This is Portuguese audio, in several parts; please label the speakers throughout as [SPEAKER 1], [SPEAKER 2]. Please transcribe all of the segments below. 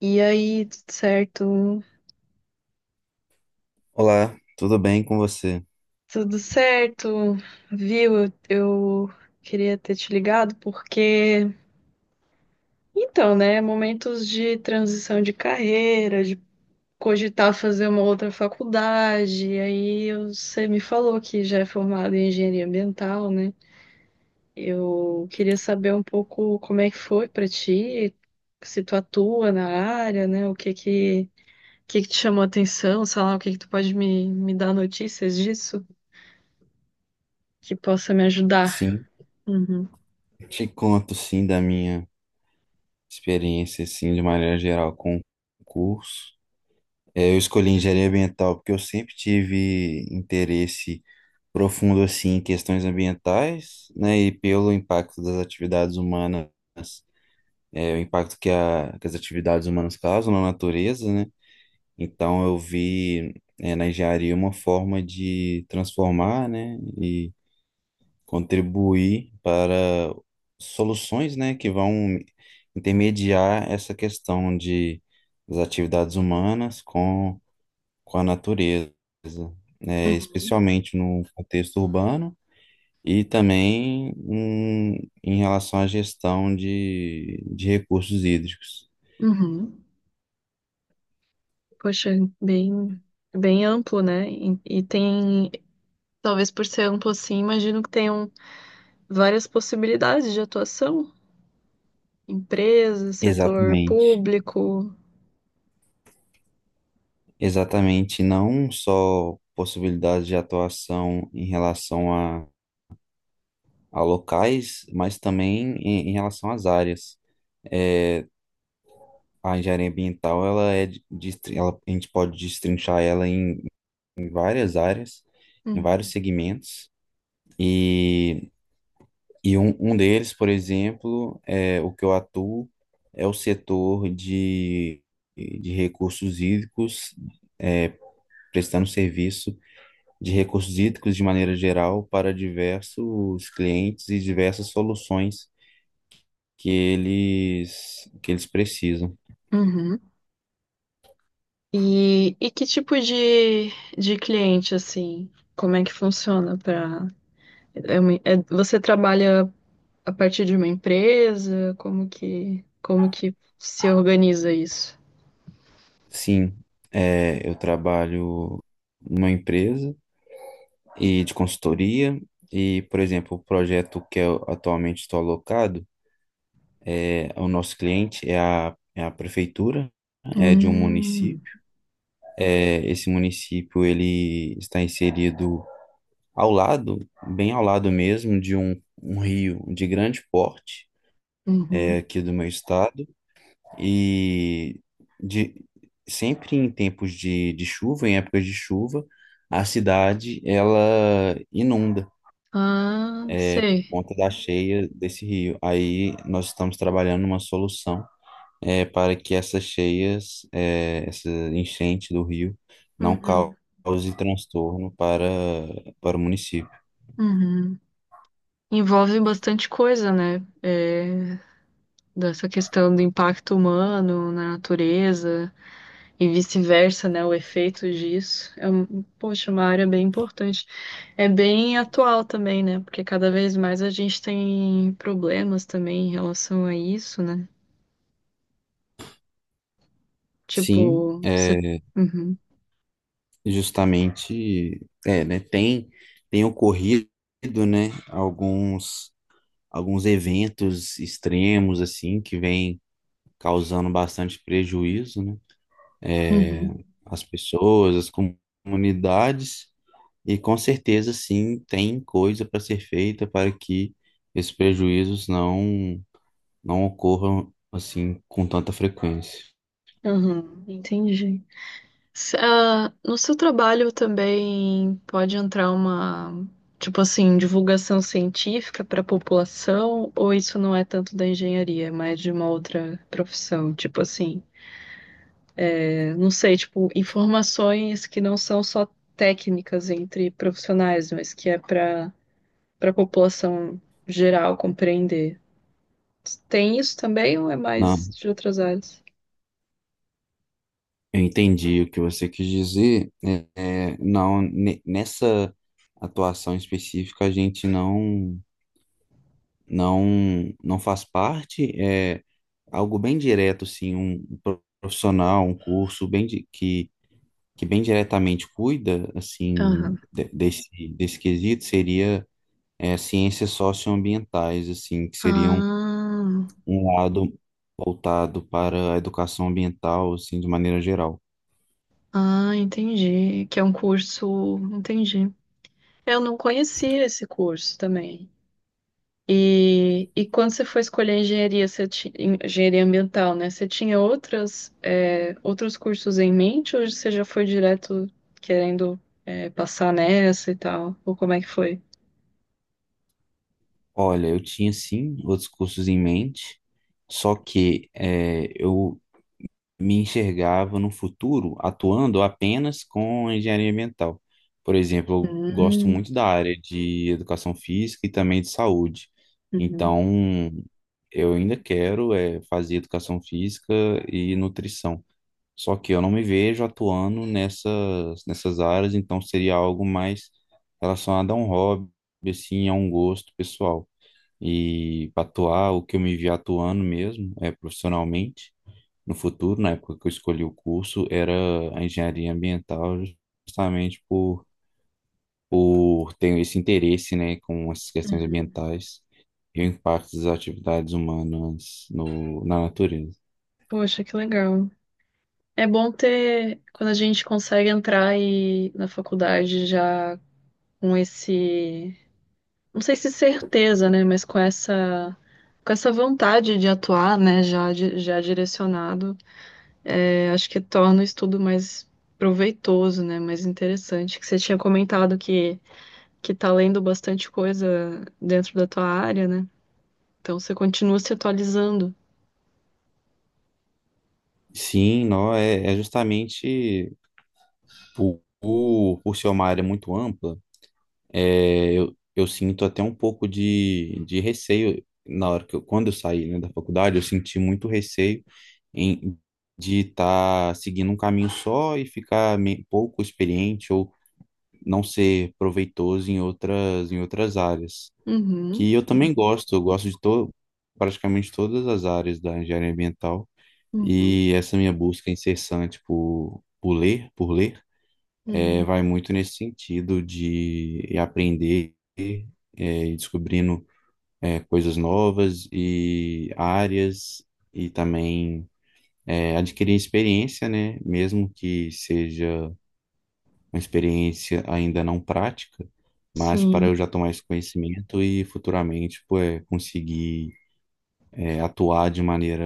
[SPEAKER 1] E aí, tudo certo?
[SPEAKER 2] Olá, tudo bem com você?
[SPEAKER 1] Tudo certo, viu? Eu queria ter te ligado porque, então, né, momentos de transição de carreira, de cogitar fazer uma outra faculdade, e aí você me falou que já é formado em engenharia ambiental, né? Eu queria saber um pouco como é que foi pra ti, se tu atua na área, né? O que que te chamou a atenção, sei lá, o que que tu pode me dar notícias disso? Que possa me ajudar.
[SPEAKER 2] Sim,
[SPEAKER 1] Uhum,
[SPEAKER 2] te conto sim da minha experiência, sim, de maneira geral com o curso. Eu escolhi engenharia ambiental porque eu sempre tive interesse profundo assim em questões ambientais, né, e pelo impacto das atividades humanas, o impacto que as atividades humanas causam na natureza, né? Então eu vi, na engenharia uma forma de transformar, né, e contribuir para soluções, né, que vão intermediar essa questão de das atividades humanas com a natureza, né,
[SPEAKER 1] uhum,
[SPEAKER 2] especialmente no contexto urbano e também em relação à gestão de recursos hídricos.
[SPEAKER 1] uhum. Poxa, bem, bem amplo, né? E tem, talvez por ser amplo assim, imagino que tenham várias possibilidades de atuação, empresa, setor
[SPEAKER 2] Exatamente,
[SPEAKER 1] público.
[SPEAKER 2] exatamente, não só possibilidades de atuação em relação a locais, mas também em relação às áreas. É, a engenharia ambiental, ela é, de- destrin- ela, a gente pode destrinchar ela em várias áreas, em vários
[SPEAKER 1] Uhum,
[SPEAKER 2] segmentos, e, e um deles, por exemplo, é o que eu atuo, é o setor de recursos hídricos, é, prestando serviço de recursos hídricos de maneira geral para diversos clientes e diversas soluções que eles precisam.
[SPEAKER 1] uhum. E que tipo de cliente, assim, como é que funciona para você trabalha a partir de uma empresa? Como que se organiza isso?
[SPEAKER 2] Sim, eu trabalho numa empresa e de consultoria e, por exemplo, o projeto que eu atualmente estou alocado, o nosso cliente é a prefeitura, é de um
[SPEAKER 1] Hum.
[SPEAKER 2] município. É, esse município ele está inserido ao lado, bem ao lado mesmo, de um rio de grande porte, é,
[SPEAKER 1] Uhum.
[SPEAKER 2] aqui do meu estado. E de, Sempre em tempos de chuva, em épocas de chuva, a cidade ela inunda
[SPEAKER 1] Ah,
[SPEAKER 2] por
[SPEAKER 1] sei.
[SPEAKER 2] conta da cheia desse rio. Aí nós estamos trabalhando uma solução para que essas cheias, essa enchente do rio, não
[SPEAKER 1] Uhum.
[SPEAKER 2] cause transtorno para o município.
[SPEAKER 1] Uhum. Envolve bastante coisa, né? É, dessa questão do impacto humano na natureza e vice-versa, né? O efeito disso. É, um- poxa, uma área bem importante. É bem atual também, né? Porque cada vez mais a gente tem problemas também em relação a isso, né?
[SPEAKER 2] Sim,
[SPEAKER 1] Tipo, você. Uhum.
[SPEAKER 2] né, tem, tem ocorrido né, alguns eventos extremos, assim, que vem causando bastante prejuízo, né? É,
[SPEAKER 1] Uhum.
[SPEAKER 2] As pessoas, as comunidades, e com certeza, sim, tem coisa para ser feita para que esses prejuízos não ocorram, assim, com tanta frequência.
[SPEAKER 1] Uhum. Entendi. Se- ah, no seu trabalho também pode entrar uma, tipo assim, divulgação científica para a população, ou isso não é tanto da engenharia, é mais de uma outra profissão, tipo assim, é, não sei, tipo, informações que não são só técnicas entre profissionais, mas que é para para a população geral compreender. Tem isso também ou é mais
[SPEAKER 2] Não,
[SPEAKER 1] de outras áreas?
[SPEAKER 2] eu entendi o que você quis dizer. Não, nessa atuação específica, a gente não. não não faz parte, é algo bem direto, assim, um profissional, um curso que bem diretamente cuida, assim,
[SPEAKER 1] Aham.
[SPEAKER 2] desse quesito, seria ciências socioambientais, assim, que seriam
[SPEAKER 1] Ah,
[SPEAKER 2] um lado voltado para a educação ambiental, assim, de maneira geral.
[SPEAKER 1] ah, entendi. Que é um curso, entendi. Eu não conhecia esse curso também. E quando você foi escolher engenharia, você ti- engenharia ambiental, né? Você tinha outras, é, outros cursos em mente ou você já foi direto querendo, é, passar nessa e tal? Ou como é que foi?
[SPEAKER 2] Olha, eu tinha, sim, outros cursos em mente, só que eu me enxergava no futuro atuando apenas com engenharia ambiental. Por exemplo, eu gosto
[SPEAKER 1] Hum,
[SPEAKER 2] muito da área de educação física e também de saúde.
[SPEAKER 1] uhum,
[SPEAKER 2] Então, eu ainda quero fazer educação física e nutrição. Só que eu não me vejo atuando nessas áreas, então seria algo mais relacionado a um hobby, assim, a um gosto pessoal. E para atuar, o que eu me vi atuando mesmo é profissionalmente no futuro, na época que eu escolhi o curso, era a engenharia ambiental, justamente por ter esse interesse, né, com essas questões
[SPEAKER 1] uhum.
[SPEAKER 2] ambientais e o impacto das atividades humanas na natureza.
[SPEAKER 1] Poxa, que legal. É bom ter, quando a gente consegue entrar e, na faculdade já com esse. Não sei se certeza, né, mas com essa vontade de atuar, né, já di- já direcionado, é, acho que torna o estudo mais proveitoso, né, mais interessante. Que você tinha comentado que tá lendo bastante coisa dentro da tua área, né? Então você continua se atualizando.
[SPEAKER 2] Sim, não, é justamente por ser uma área muito ampla, eu sinto até um pouco de receio na hora quando eu saí, né, da faculdade, eu senti muito receio em- de estar seguindo um caminho só e ficar pouco experiente ou não ser proveitoso em em outras áreas.
[SPEAKER 1] Uhum,
[SPEAKER 2] Que eu também gosto, eu gosto de to, praticamente todas as áreas da engenharia ambiental
[SPEAKER 1] uhum,
[SPEAKER 2] e essa minha busca incessante por ler,
[SPEAKER 1] uhum.
[SPEAKER 2] vai muito nesse sentido de aprender, e descobrindo, coisas novas e áreas e também adquirir experiência, né? Mesmo que seja uma experiência ainda não prática, mas para
[SPEAKER 1] Sim.
[SPEAKER 2] eu já tomar esse conhecimento e futuramente, pô, conseguir atuar de maneira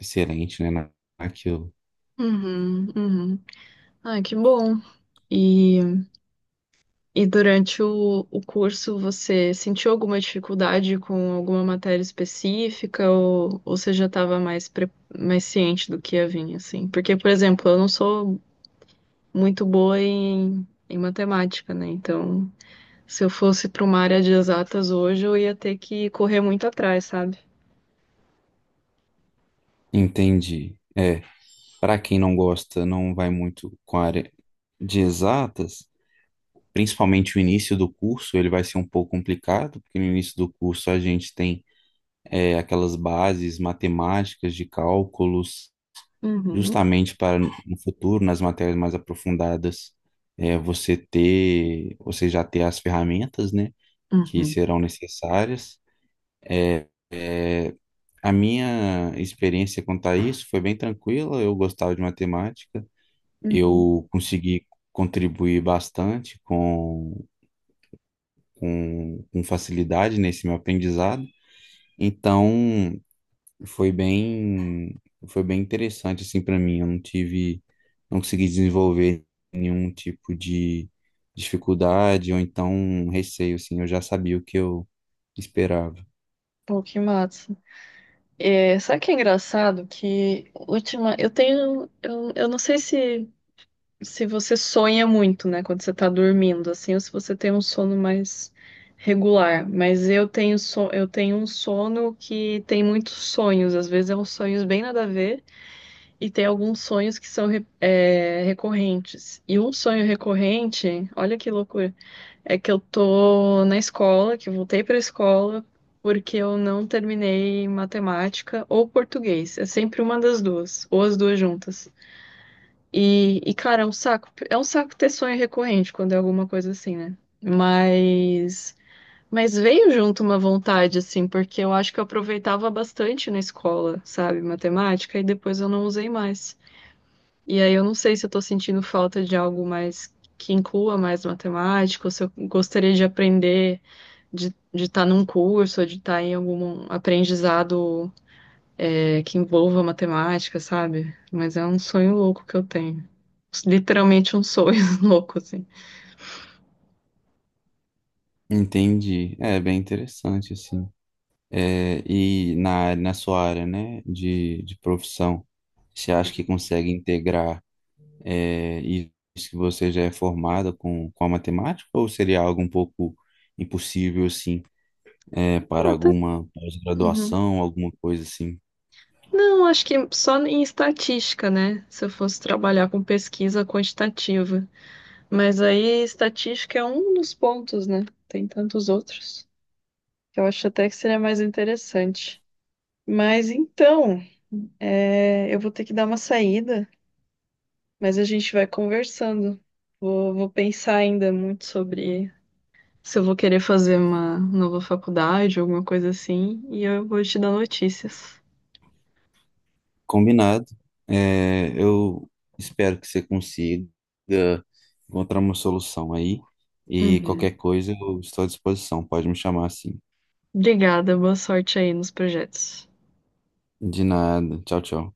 [SPEAKER 2] excelente, né, naquilo.
[SPEAKER 1] Uhum, uhum. Ai, que bom. E E durante o curso, você sentiu alguma dificuldade com alguma matéria específica ou você já estava mais, pre- mais ciente do que ia vir, assim? Porque, por exemplo, eu não sou muito boa em matemática, né? Então, se eu fosse para uma área de exatas hoje, eu ia ter que correr muito atrás, sabe?
[SPEAKER 2] Entendi. É, para quem não gosta, não vai muito com a área de exatas, principalmente o início do curso, ele vai ser um pouco complicado, porque no início do curso a gente tem aquelas bases matemáticas de cálculos
[SPEAKER 1] Uhum,
[SPEAKER 2] justamente para no futuro, nas matérias mais aprofundadas, você ter, você já ter as ferramentas, né, que
[SPEAKER 1] uhum,
[SPEAKER 2] serão necessárias. É, a minha experiência quanto a isso foi bem tranquila, eu gostava de matemática,
[SPEAKER 1] uhum.
[SPEAKER 2] eu consegui contribuir bastante com facilidade nesse meu aprendizado. Então, foi bem, foi bem interessante assim para mim. Eu não tive, não consegui desenvolver nenhum tipo de dificuldade ou então um receio assim. Eu já sabia o que eu esperava.
[SPEAKER 1] Pô, que massa. É, sabe o que é engraçado? Que última, eu tenho, eu não sei se se você sonha muito, né, quando você tá dormindo, assim, ou se você tem um sono mais regular. Mas eu tenho so eu tenho um sono que tem muitos sonhos, às vezes é uns sonhos bem nada a ver, e tem alguns sonhos que são re- é, recorrentes. E um sonho recorrente, olha que loucura, é que eu tô na escola, que eu voltei pra escola. Porque eu não terminei matemática ou português. É sempre uma das duas, ou as duas juntas. Cara, é um saco. É um saco ter sonho recorrente quando é alguma coisa assim, né? Mas, mas veio junto uma vontade, assim, porque eu acho que eu aproveitava bastante na escola, sabe, matemática, e depois eu não usei mais. E aí eu não sei se eu tô sentindo falta de algo mais que inclua mais matemática, ou se eu gostaria de aprender, de estar de tá num curso, ou de estar em algum aprendizado é, que envolva matemática, sabe? Mas é um sonho louco que eu tenho. Literalmente um sonho louco, assim.
[SPEAKER 2] Entendi. É bem interessante assim. É, e na sua área, né, de profissão, você acha que consegue integrar isso que você já é formado com a matemática ou seria algo um pouco impossível assim? É, para
[SPEAKER 1] Ah, tá-
[SPEAKER 2] alguma
[SPEAKER 1] uhum.
[SPEAKER 2] pós-graduação, alguma coisa assim.
[SPEAKER 1] Não, acho que só em estatística, né? Se eu fosse trabalhar com pesquisa quantitativa. Mas aí estatística é um dos pontos, né? Tem tantos outros que eu acho até que seria mais interessante. Mas então, é, eu vou ter que dar uma saída, mas a gente vai conversando. Vou pensar ainda muito sobre se eu vou querer fazer uma nova faculdade, alguma coisa assim, e eu vou te dar notícias.
[SPEAKER 2] Combinado. É, eu espero que você consiga encontrar uma solução aí. E
[SPEAKER 1] Uhum.
[SPEAKER 2] qualquer coisa, eu estou à disposição. Pode me chamar assim.
[SPEAKER 1] Obrigada, boa sorte aí nos projetos.
[SPEAKER 2] De nada. Tchau, tchau.